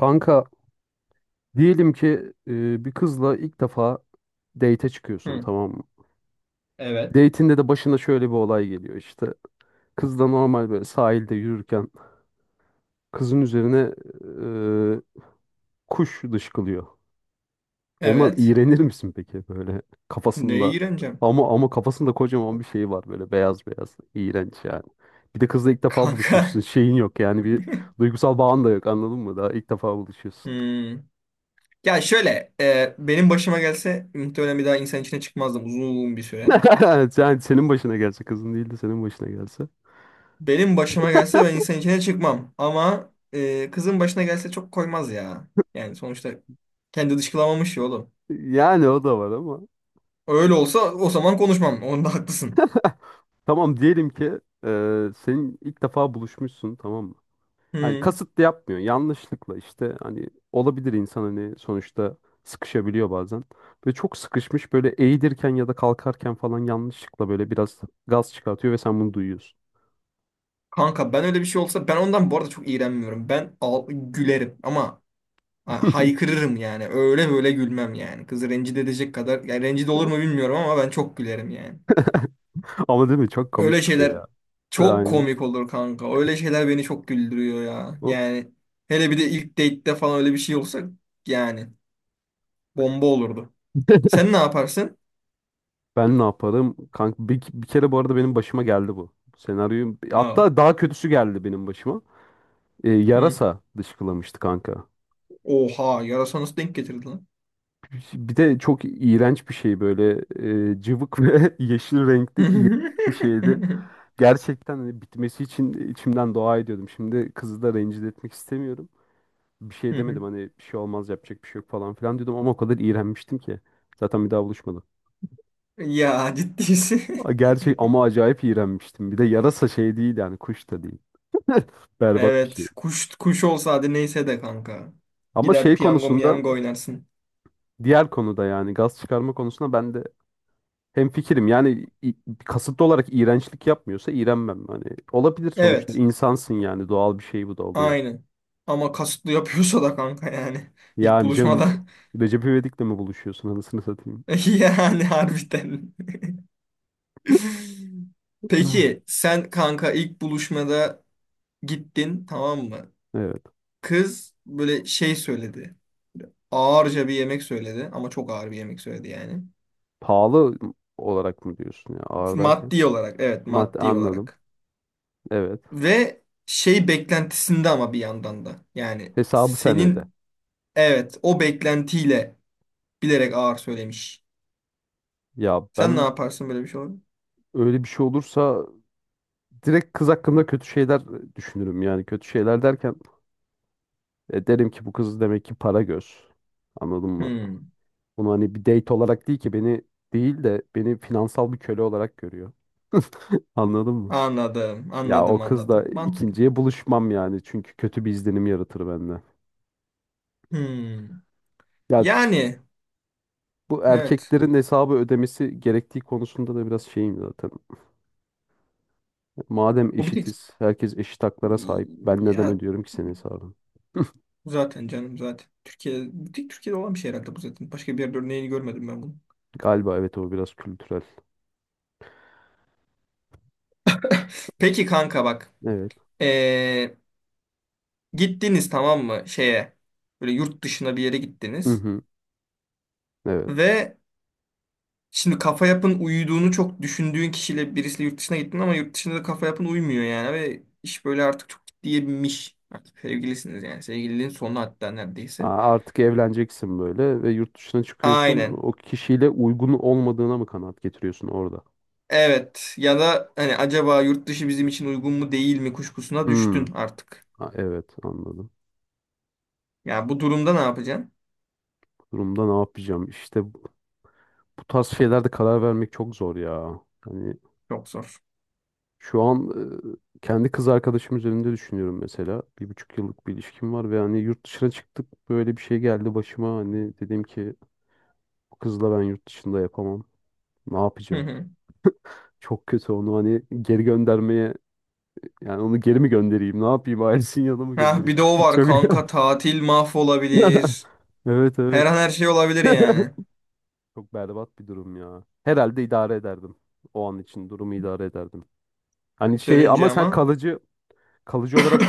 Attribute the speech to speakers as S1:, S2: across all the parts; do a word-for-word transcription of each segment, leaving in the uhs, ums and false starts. S1: Kanka diyelim ki e, bir kızla ilk defa date'e çıkıyorsun
S2: Hı,
S1: tamam mı?
S2: evet.
S1: Date'inde de başına şöyle bir olay geliyor işte. Kız da normal böyle sahilde yürürken kızın üzerine e, kuş dışkılıyor. Ondan
S2: Evet.
S1: iğrenir misin peki böyle
S2: Neye
S1: kafasında?
S2: iğreneceğim?
S1: Ama ama kafasında kocaman bir şey var böyle beyaz beyaz iğrenç yani. Bir de kızla ilk defa buluşmuşsun.
S2: Kanka.
S1: Şeyin yok yani bir duygusal bağın da yok anladın mı? Daha ilk defa buluşuyorsun.
S2: Hmm. Ya şöyle. E, benim başıma gelse muhtemelen bir daha insan içine çıkmazdım uzun bir süre.
S1: Yani senin başına gelse kızın değil de senin başına gelse.
S2: Benim başıma gelse ben insan içine çıkmam. Ama e, kızın başına gelse çok koymaz ya. Yani sonuçta kendi dışkılamamış ya oğlum.
S1: Yani o da var ama.
S2: Öyle olsa o zaman konuşmam. Onda haklısın.
S1: Tamam diyelim ki e, senin ilk defa buluşmuşsun tamam mı? Hani
S2: Hmm.
S1: kasıtlı yapmıyor. Yanlışlıkla işte hani olabilir insan hani sonuçta sıkışabiliyor bazen. Ve çok sıkışmış böyle eğilirken ya da kalkarken falan yanlışlıkla böyle biraz gaz çıkartıyor ve sen bunu duyuyorsun.
S2: Kanka, ben öyle bir şey olsa ben ondan bu arada çok iğrenmiyorum. Ben al gülerim ama ha, haykırırım yani. Öyle böyle gülmem yani. Kızı rencide edecek kadar. Yani rencide olur mu bilmiyorum ama ben çok gülerim yani.
S1: Ama değil mi? Çok
S2: Öyle
S1: komik bir şey
S2: şeyler
S1: ya. E,
S2: çok
S1: Aynen.
S2: komik olur kanka. Öyle şeyler beni çok güldürüyor ya.
S1: O-
S2: Yani hele bir de ilk date'de falan öyle bir şey olsa, yani bomba olurdu. Sen ne yaparsın?
S1: Ben ne yaparım? Kanka bir, bir kere bu arada benim başıma geldi bu. Senaryoyu
S2: Aa.
S1: hatta daha kötüsü geldi benim başıma. E,
S2: Hı.
S1: yarasa dışkılamıştı kanka.
S2: Oha, yarasa nasıl denk getirdi lan?
S1: Bir de çok iğrenç bir şey böyle e, cıvık ve yeşil renkli iğrenç bir şeydi. Gerçekten hani bitmesi için içimden dua ediyordum. Şimdi kızı da rencide etmek istemiyorum. Bir şey
S2: Hı hı.
S1: demedim hani bir şey olmaz yapacak bir şey yok falan filan diyordum ama o kadar iğrenmiştim ki. Zaten bir daha buluşmadım.
S2: Ya ciddiysin.
S1: A- Gerçek ama acayip iğrenmiştim. Bir de yarasa şey değil yani kuş da değil. Berbat bir şey.
S2: Evet. Kuş kuş olsa hadi neyse de kanka.
S1: Ama
S2: Gider
S1: şey
S2: piyango
S1: konusunda
S2: miyango oynarsın.
S1: diğer konuda yani gaz çıkarma konusunda ben de hemfikirim yani i- kasıtlı olarak iğrençlik yapmıyorsa iğrenmem. Hani olabilir sonuçta
S2: Evet.
S1: insansın yani doğal bir şey bu da oluyor.
S2: Aynen. Ama kasıtlı yapıyorsa da kanka yani. İlk
S1: Yani canım
S2: buluşmada.
S1: Recep İvedik'le mi buluşuyorsun anasını satayım?
S2: Yani harbiden.
S1: Ah.
S2: Peki sen kanka ilk buluşmada gittin tamam mı?
S1: Evet.
S2: Kız böyle şey söyledi. Ağırca bir yemek söyledi ama çok ağır bir yemek söyledi yani.
S1: Pahalı olarak mı diyorsun ya ağır derken?
S2: Maddi olarak, evet,
S1: Madde
S2: maddi
S1: anladım.
S2: olarak.
S1: Evet.
S2: Ve şey beklentisinde ama bir yandan da. Yani
S1: Hesabı sen öde.
S2: senin evet, o beklentiyle bilerek ağır söylemiş.
S1: Ya
S2: Sen ne
S1: ben
S2: yaparsın böyle bir şey olur?
S1: öyle bir şey olursa direkt kız hakkında kötü şeyler düşünürüm yani kötü şeyler derken e, derim ki bu kız demek ki para göz. Anladın mı?
S2: Hmm,
S1: Bunu hani bir date olarak değil ki beni değil de beni finansal bir köle olarak görüyor. Anladın mı?
S2: anladım,
S1: Ya o
S2: anladım,
S1: kızla
S2: anladım. Mantıklı.
S1: ikinciye buluşmam yani çünkü kötü bir izlenim yaratır bende.
S2: Hmm.
S1: Ya s-
S2: Yani
S1: Bu
S2: evet.
S1: erkeklerin hesabı ödemesi gerektiği konusunda da biraz şeyim zaten. Madem
S2: O bir tek
S1: eşitiz, herkes eşit haklara sahip. Ben neden
S2: ya
S1: ödüyorum ki senin hesabını?
S2: zaten canım zaten. Türkiye, bir tek Türkiye'de olan bir şey herhalde bu zaten. Başka bir yerde örneğini görmedim ben bunu.
S1: Galiba evet o biraz kültürel.
S2: Peki kanka bak.
S1: Evet.
S2: Ee, Gittiniz tamam mı şeye? Böyle yurt dışına bir yere
S1: Hı
S2: gittiniz
S1: hı. Evet.
S2: ve şimdi kafa yapın uyuduğunu çok düşündüğün kişiyle birisiyle yurt dışına gittin ama yurt dışında da kafa yapın uymuyor yani ve iş böyle artık çok ciddiye binmiş. Artık sevgilisiniz yani sevgililiğin sonu hatta
S1: Ha,
S2: neredeyse.
S1: artık evleneceksin böyle ve yurt dışına çıkıyorsun.
S2: Aynen.
S1: O kişiyle uygun olmadığına mı kanaat getiriyorsun orada?
S2: Evet ya da hani acaba yurt dışı bizim için uygun mu değil mi kuşkusuna
S1: Hmm,
S2: düştün artık.
S1: ha, evet anladım.
S2: Ya bu durumda ne yapacaksın?
S1: Bu durumda ne yapacağım? İşte bu bu tarz şeylerde karar vermek çok zor ya. Hani
S2: Çok zor.
S1: şu an e, kendi kız arkadaşım üzerinde düşünüyorum mesela. Bir buçuk yıllık bir ilişkim var ve hani yurt dışına çıktık böyle bir şey geldi başıma. Hani dedim ki bu kızla ben yurt dışında yapamam. Ne
S2: Hı
S1: yapacağım?
S2: hı.
S1: Çok kötü onu hani geri göndermeye yani onu geri mi göndereyim? Ne yapayım? Ailesinin yanına mı
S2: Ah,
S1: göndereyim?
S2: bir de o var
S1: Çok
S2: kanka, tatil mahvolabilir.
S1: evet
S2: Her
S1: evet.
S2: an her şey olabilir yani.
S1: Çok berbat bir durum ya. Herhalde idare ederdim. O an için durumu idare ederdim. Hani şey
S2: Dönünce
S1: ama sen
S2: ama.
S1: kalıcı kalıcı olarak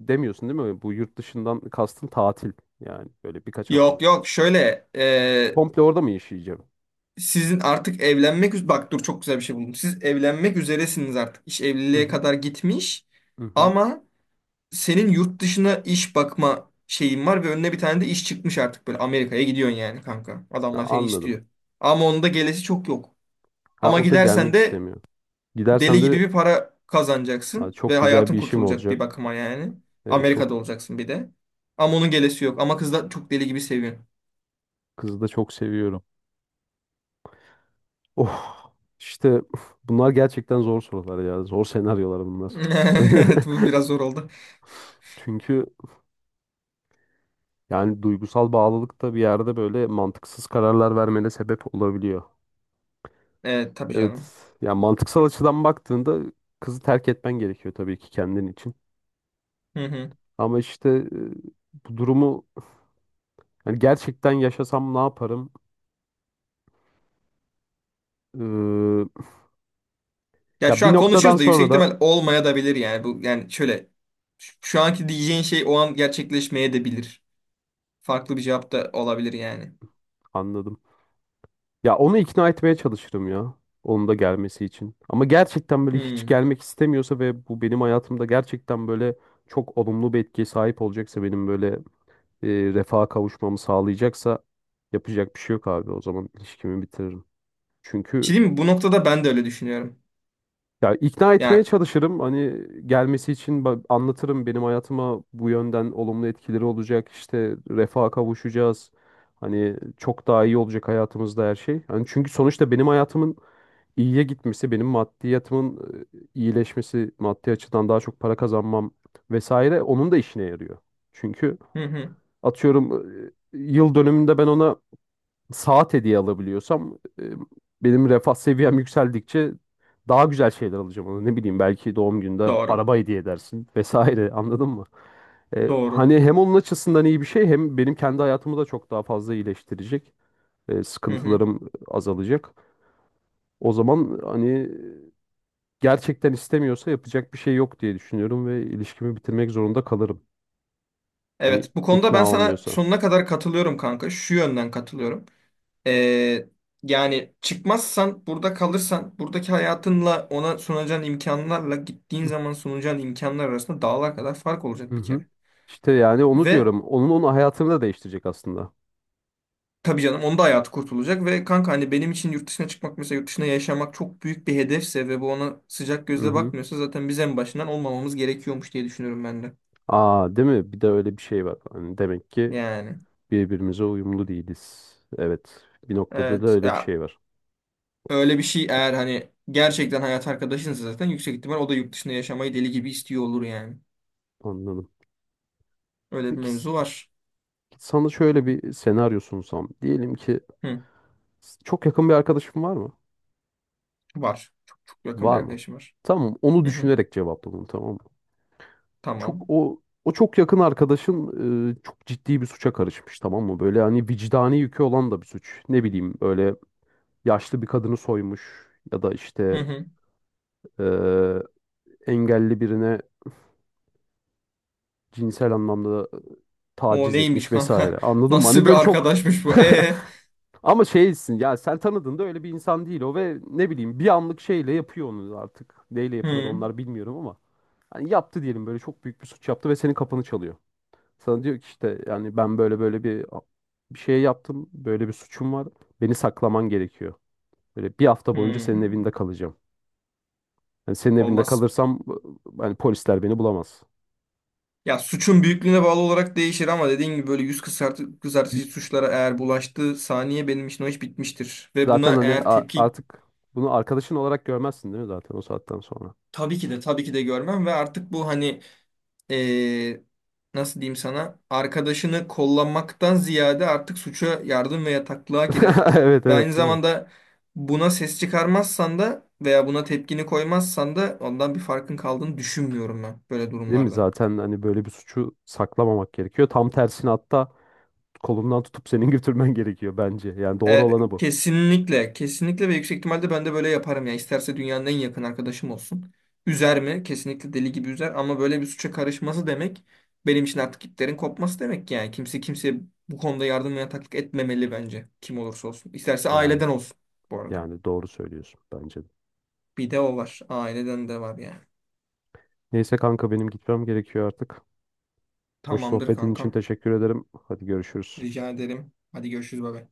S1: demiyorsun değil mi? Bu yurt dışından kastın tatil. Yani böyle birkaç
S2: Yok
S1: haftalık.
S2: yok, şöyle,
S1: Komple orada mı yaşayacağım?
S2: sizin artık evlenmek üz- bak dur, çok güzel bir şey buldum. Siz evlenmek üzeresiniz artık. İş
S1: Hı
S2: evliliğe
S1: hı.
S2: kadar gitmiş
S1: Hı hı.
S2: ama senin yurt dışına iş bakma şeyin var ve önüne bir tane de iş çıkmış, artık böyle Amerika'ya gidiyorsun yani kanka.
S1: Ha,
S2: Adamlar seni
S1: anladım.
S2: istiyor. Ama onun da gelesi çok yok.
S1: Ha
S2: Ama
S1: o da
S2: gidersen
S1: gelmek
S2: de
S1: istemiyor. Gidersem
S2: deli gibi
S1: de
S2: bir para
S1: "Ha,
S2: kazanacaksın
S1: çok
S2: ve
S1: güzel
S2: hayatın
S1: bir işim
S2: kurtulacak bir
S1: olacak.
S2: bakıma yani.
S1: Evet, çok
S2: Amerika'da olacaksın bir de. Ama onun gelesi yok. Ama kız da çok deli gibi seviyor.
S1: kızı da çok seviyorum. Oh işte bunlar gerçekten zor sorular ya. Zor senaryolar bunlar.
S2: Evet, bu biraz zor oldu.
S1: Çünkü yani duygusal bağlılık da bir yerde böyle mantıksız kararlar vermene sebep olabiliyor.
S2: Evet tabii
S1: Evet.
S2: canım.
S1: Yani mantıksal açıdan baktığında kızı terk etmen gerekiyor tabii ki kendin için.
S2: Hı hı.
S1: Ama işte e, bu durumu yani gerçekten yaşasam ne yaparım? Ee,
S2: Ya
S1: Ya
S2: şu
S1: bir
S2: an
S1: noktadan
S2: konuşuyoruz da yüksek
S1: sonra da
S2: ihtimal olmaya da bilir yani. Bu yani şöyle, şu şu anki diyeceğin şey o an gerçekleşmeye de bilir. Farklı bir cevap da olabilir yani.
S1: anladım. Ya onu ikna etmeye çalışırım ya. Onun da gelmesi için. Ama gerçekten böyle hiç
S2: Hmm. Bir
S1: gelmek istemiyorsa ve bu benim hayatımda gerçekten böyle çok olumlu bir etkiye sahip olacaksa benim böyle e, refaha kavuşmamı sağlayacaksa yapacak bir şey yok abi. O zaman ilişkimi bitiririm.
S2: şey
S1: Çünkü
S2: diyeyim mi? Bu noktada ben de öyle düşünüyorum.
S1: ya ikna etmeye
S2: Ya,
S1: çalışırım. Hani gelmesi için ba- anlatırım benim hayatıma bu yönden olumlu etkileri olacak. İşte refaha kavuşacağız. Hani çok daha iyi olacak hayatımızda her şey. Hani çünkü sonuçta benim hayatımın iyiye gitmesi, benim maddiyatımın e, iyileşmesi, maddi açıdan daha çok para kazanmam vesaire onun da işine yarıyor. Çünkü
S2: hı hı.
S1: atıyorum e, yıl dönümünde ben ona saat hediye alabiliyorsam e, benim refah seviyem yükseldikçe daha güzel şeyler alacağım ona. Ne bileyim belki doğum gününde
S2: Doğru.
S1: araba hediye edersin vesaire anladın mı? E,
S2: Doğru.
S1: hani hem onun açısından iyi bir şey hem benim kendi hayatımı da çok daha fazla iyileştirecek. E,
S2: Hı hı.
S1: sıkıntılarım azalacak. O zaman hani gerçekten istemiyorsa yapacak bir şey yok diye düşünüyorum ve ilişkimi bitirmek zorunda kalırım. Hani
S2: Evet, bu konuda ben
S1: ikna
S2: sana
S1: olmuyorsa.
S2: sonuna kadar katılıyorum kanka. Şu yönden katılıyorum. Ee, Yani çıkmazsan, burada kalırsan, buradaki hayatınla ona sunacağın imkanlarla gittiğin zaman sunacağın imkanlar arasında dağlar kadar fark
S1: Hı
S2: olacak bir
S1: hı.
S2: kere.
S1: İşte yani onu
S2: Ve
S1: diyorum. Onun onun hayatını da değiştirecek aslında.
S2: tabii canım, onda da hayatı kurtulacak ve kanka hani benim için yurt dışına çıkmak mesela yurt dışına yaşamak çok büyük bir hedefse ve bu ona sıcak
S1: Hı
S2: gözle
S1: hı.
S2: bakmıyorsa zaten biz en başından olmamamız gerekiyormuş diye düşünüyorum ben de.
S1: Aa, değil mi? Bir de öyle bir şey var. Hani demek ki
S2: Yani
S1: birbirimize uyumlu değiliz. Evet. Bir noktada da
S2: evet
S1: öyle bir
S2: ya,
S1: şey var.
S2: öyle bir şey eğer hani gerçekten hayat arkadaşınsa zaten yüksek ihtimal o da yurt dışında yaşamayı deli gibi istiyor olur yani.
S1: Anladım.
S2: Öyle bir
S1: Peki s-
S2: mevzu var.
S1: Sana şöyle bir senaryo sunsam. Diyelim ki
S2: Hı,
S1: s- çok yakın bir arkadaşın var mı?
S2: var. Çok yakın bir
S1: Var mı?
S2: arkadaşım var.
S1: Tamam, onu
S2: Hı hı,
S1: düşünerek cevapla bunu, tamam mı? Çok
S2: tamam.
S1: o o çok yakın arkadaşın e, çok ciddi bir suça karışmış, tamam mı? Böyle hani vicdani yükü olan da bir suç. Ne bileyim böyle yaşlı bir kadını soymuş ya da
S2: Hı
S1: işte
S2: hı.
S1: e, engelli birine cinsel anlamda
S2: O
S1: taciz
S2: neymiş
S1: etmiş vesaire.
S2: kanka?
S1: Anladın mı? Hani
S2: Nasıl
S1: böyle
S2: bir
S1: çok
S2: arkadaşmış bu? E.
S1: ama şeysin ya sen tanıdığında öyle bir insan değil o ve ne bileyim bir anlık şeyle yapıyor onu artık. Neyle yapılır
S2: Hı.
S1: onlar bilmiyorum ama hani yaptı diyelim böyle çok büyük bir suç yaptı ve senin kapını çalıyor. Sana diyor ki işte yani ben böyle böyle bir bir şey yaptım. Böyle bir suçum var. Beni saklaman gerekiyor. Böyle bir hafta boyunca senin
S2: Hı.
S1: evinde kalacağım. Yani senin evinde
S2: Olmaz.
S1: kalırsam hani polisler beni bulamaz.
S2: Ya suçun büyüklüğüne bağlı olarak değişir ama dediğin gibi böyle yüz kızartı, kızartıcı suçlara eğer bulaştığı saniye benim için o iş bitmiştir. Ve buna
S1: Zaten hani
S2: eğer
S1: a-
S2: tepki
S1: artık bunu arkadaşın olarak görmezsin değil mi zaten o saatten sonra?
S2: tabii ki de, tabii ki de görmem ve artık bu hani eee, nasıl diyeyim sana, arkadaşını kollamaktan ziyade artık suça yardım ve yataklığa girer.
S1: Evet
S2: Ve aynı
S1: evet değil mi?
S2: zamanda buna ses çıkarmazsan da veya buna tepkini koymazsan da ondan bir farkın kaldığını düşünmüyorum ben böyle
S1: Değil mi?
S2: durumlarda.
S1: Zaten hani böyle bir suçu saklamamak gerekiyor. Tam tersine hatta kolundan tutup senin götürmen gerekiyor bence. Yani doğru
S2: E,
S1: olanı bu.
S2: kesinlikle, kesinlikle ve yüksek ihtimalle ben de böyle yaparım ya. İsterse dünyanın en yakın arkadaşım olsun. Üzer mi? Kesinlikle deli gibi üzer ama böyle bir suça karışması demek benim için artık iplerin kopması demek yani. Kimse kimseye bu konuda yardım ve yataklık etmemeli bence. Kim olursa olsun. İsterse
S1: Yani
S2: aileden olsun bu arada.
S1: yani doğru söylüyorsun bence de.
S2: Bir de o var. Aileden de var yani.
S1: Neyse kanka benim gitmem gerekiyor artık. Hoş
S2: Tamamdır
S1: sohbetin için
S2: kankam.
S1: teşekkür ederim. Hadi görüşürüz.
S2: Rica ederim. Hadi görüşürüz baba.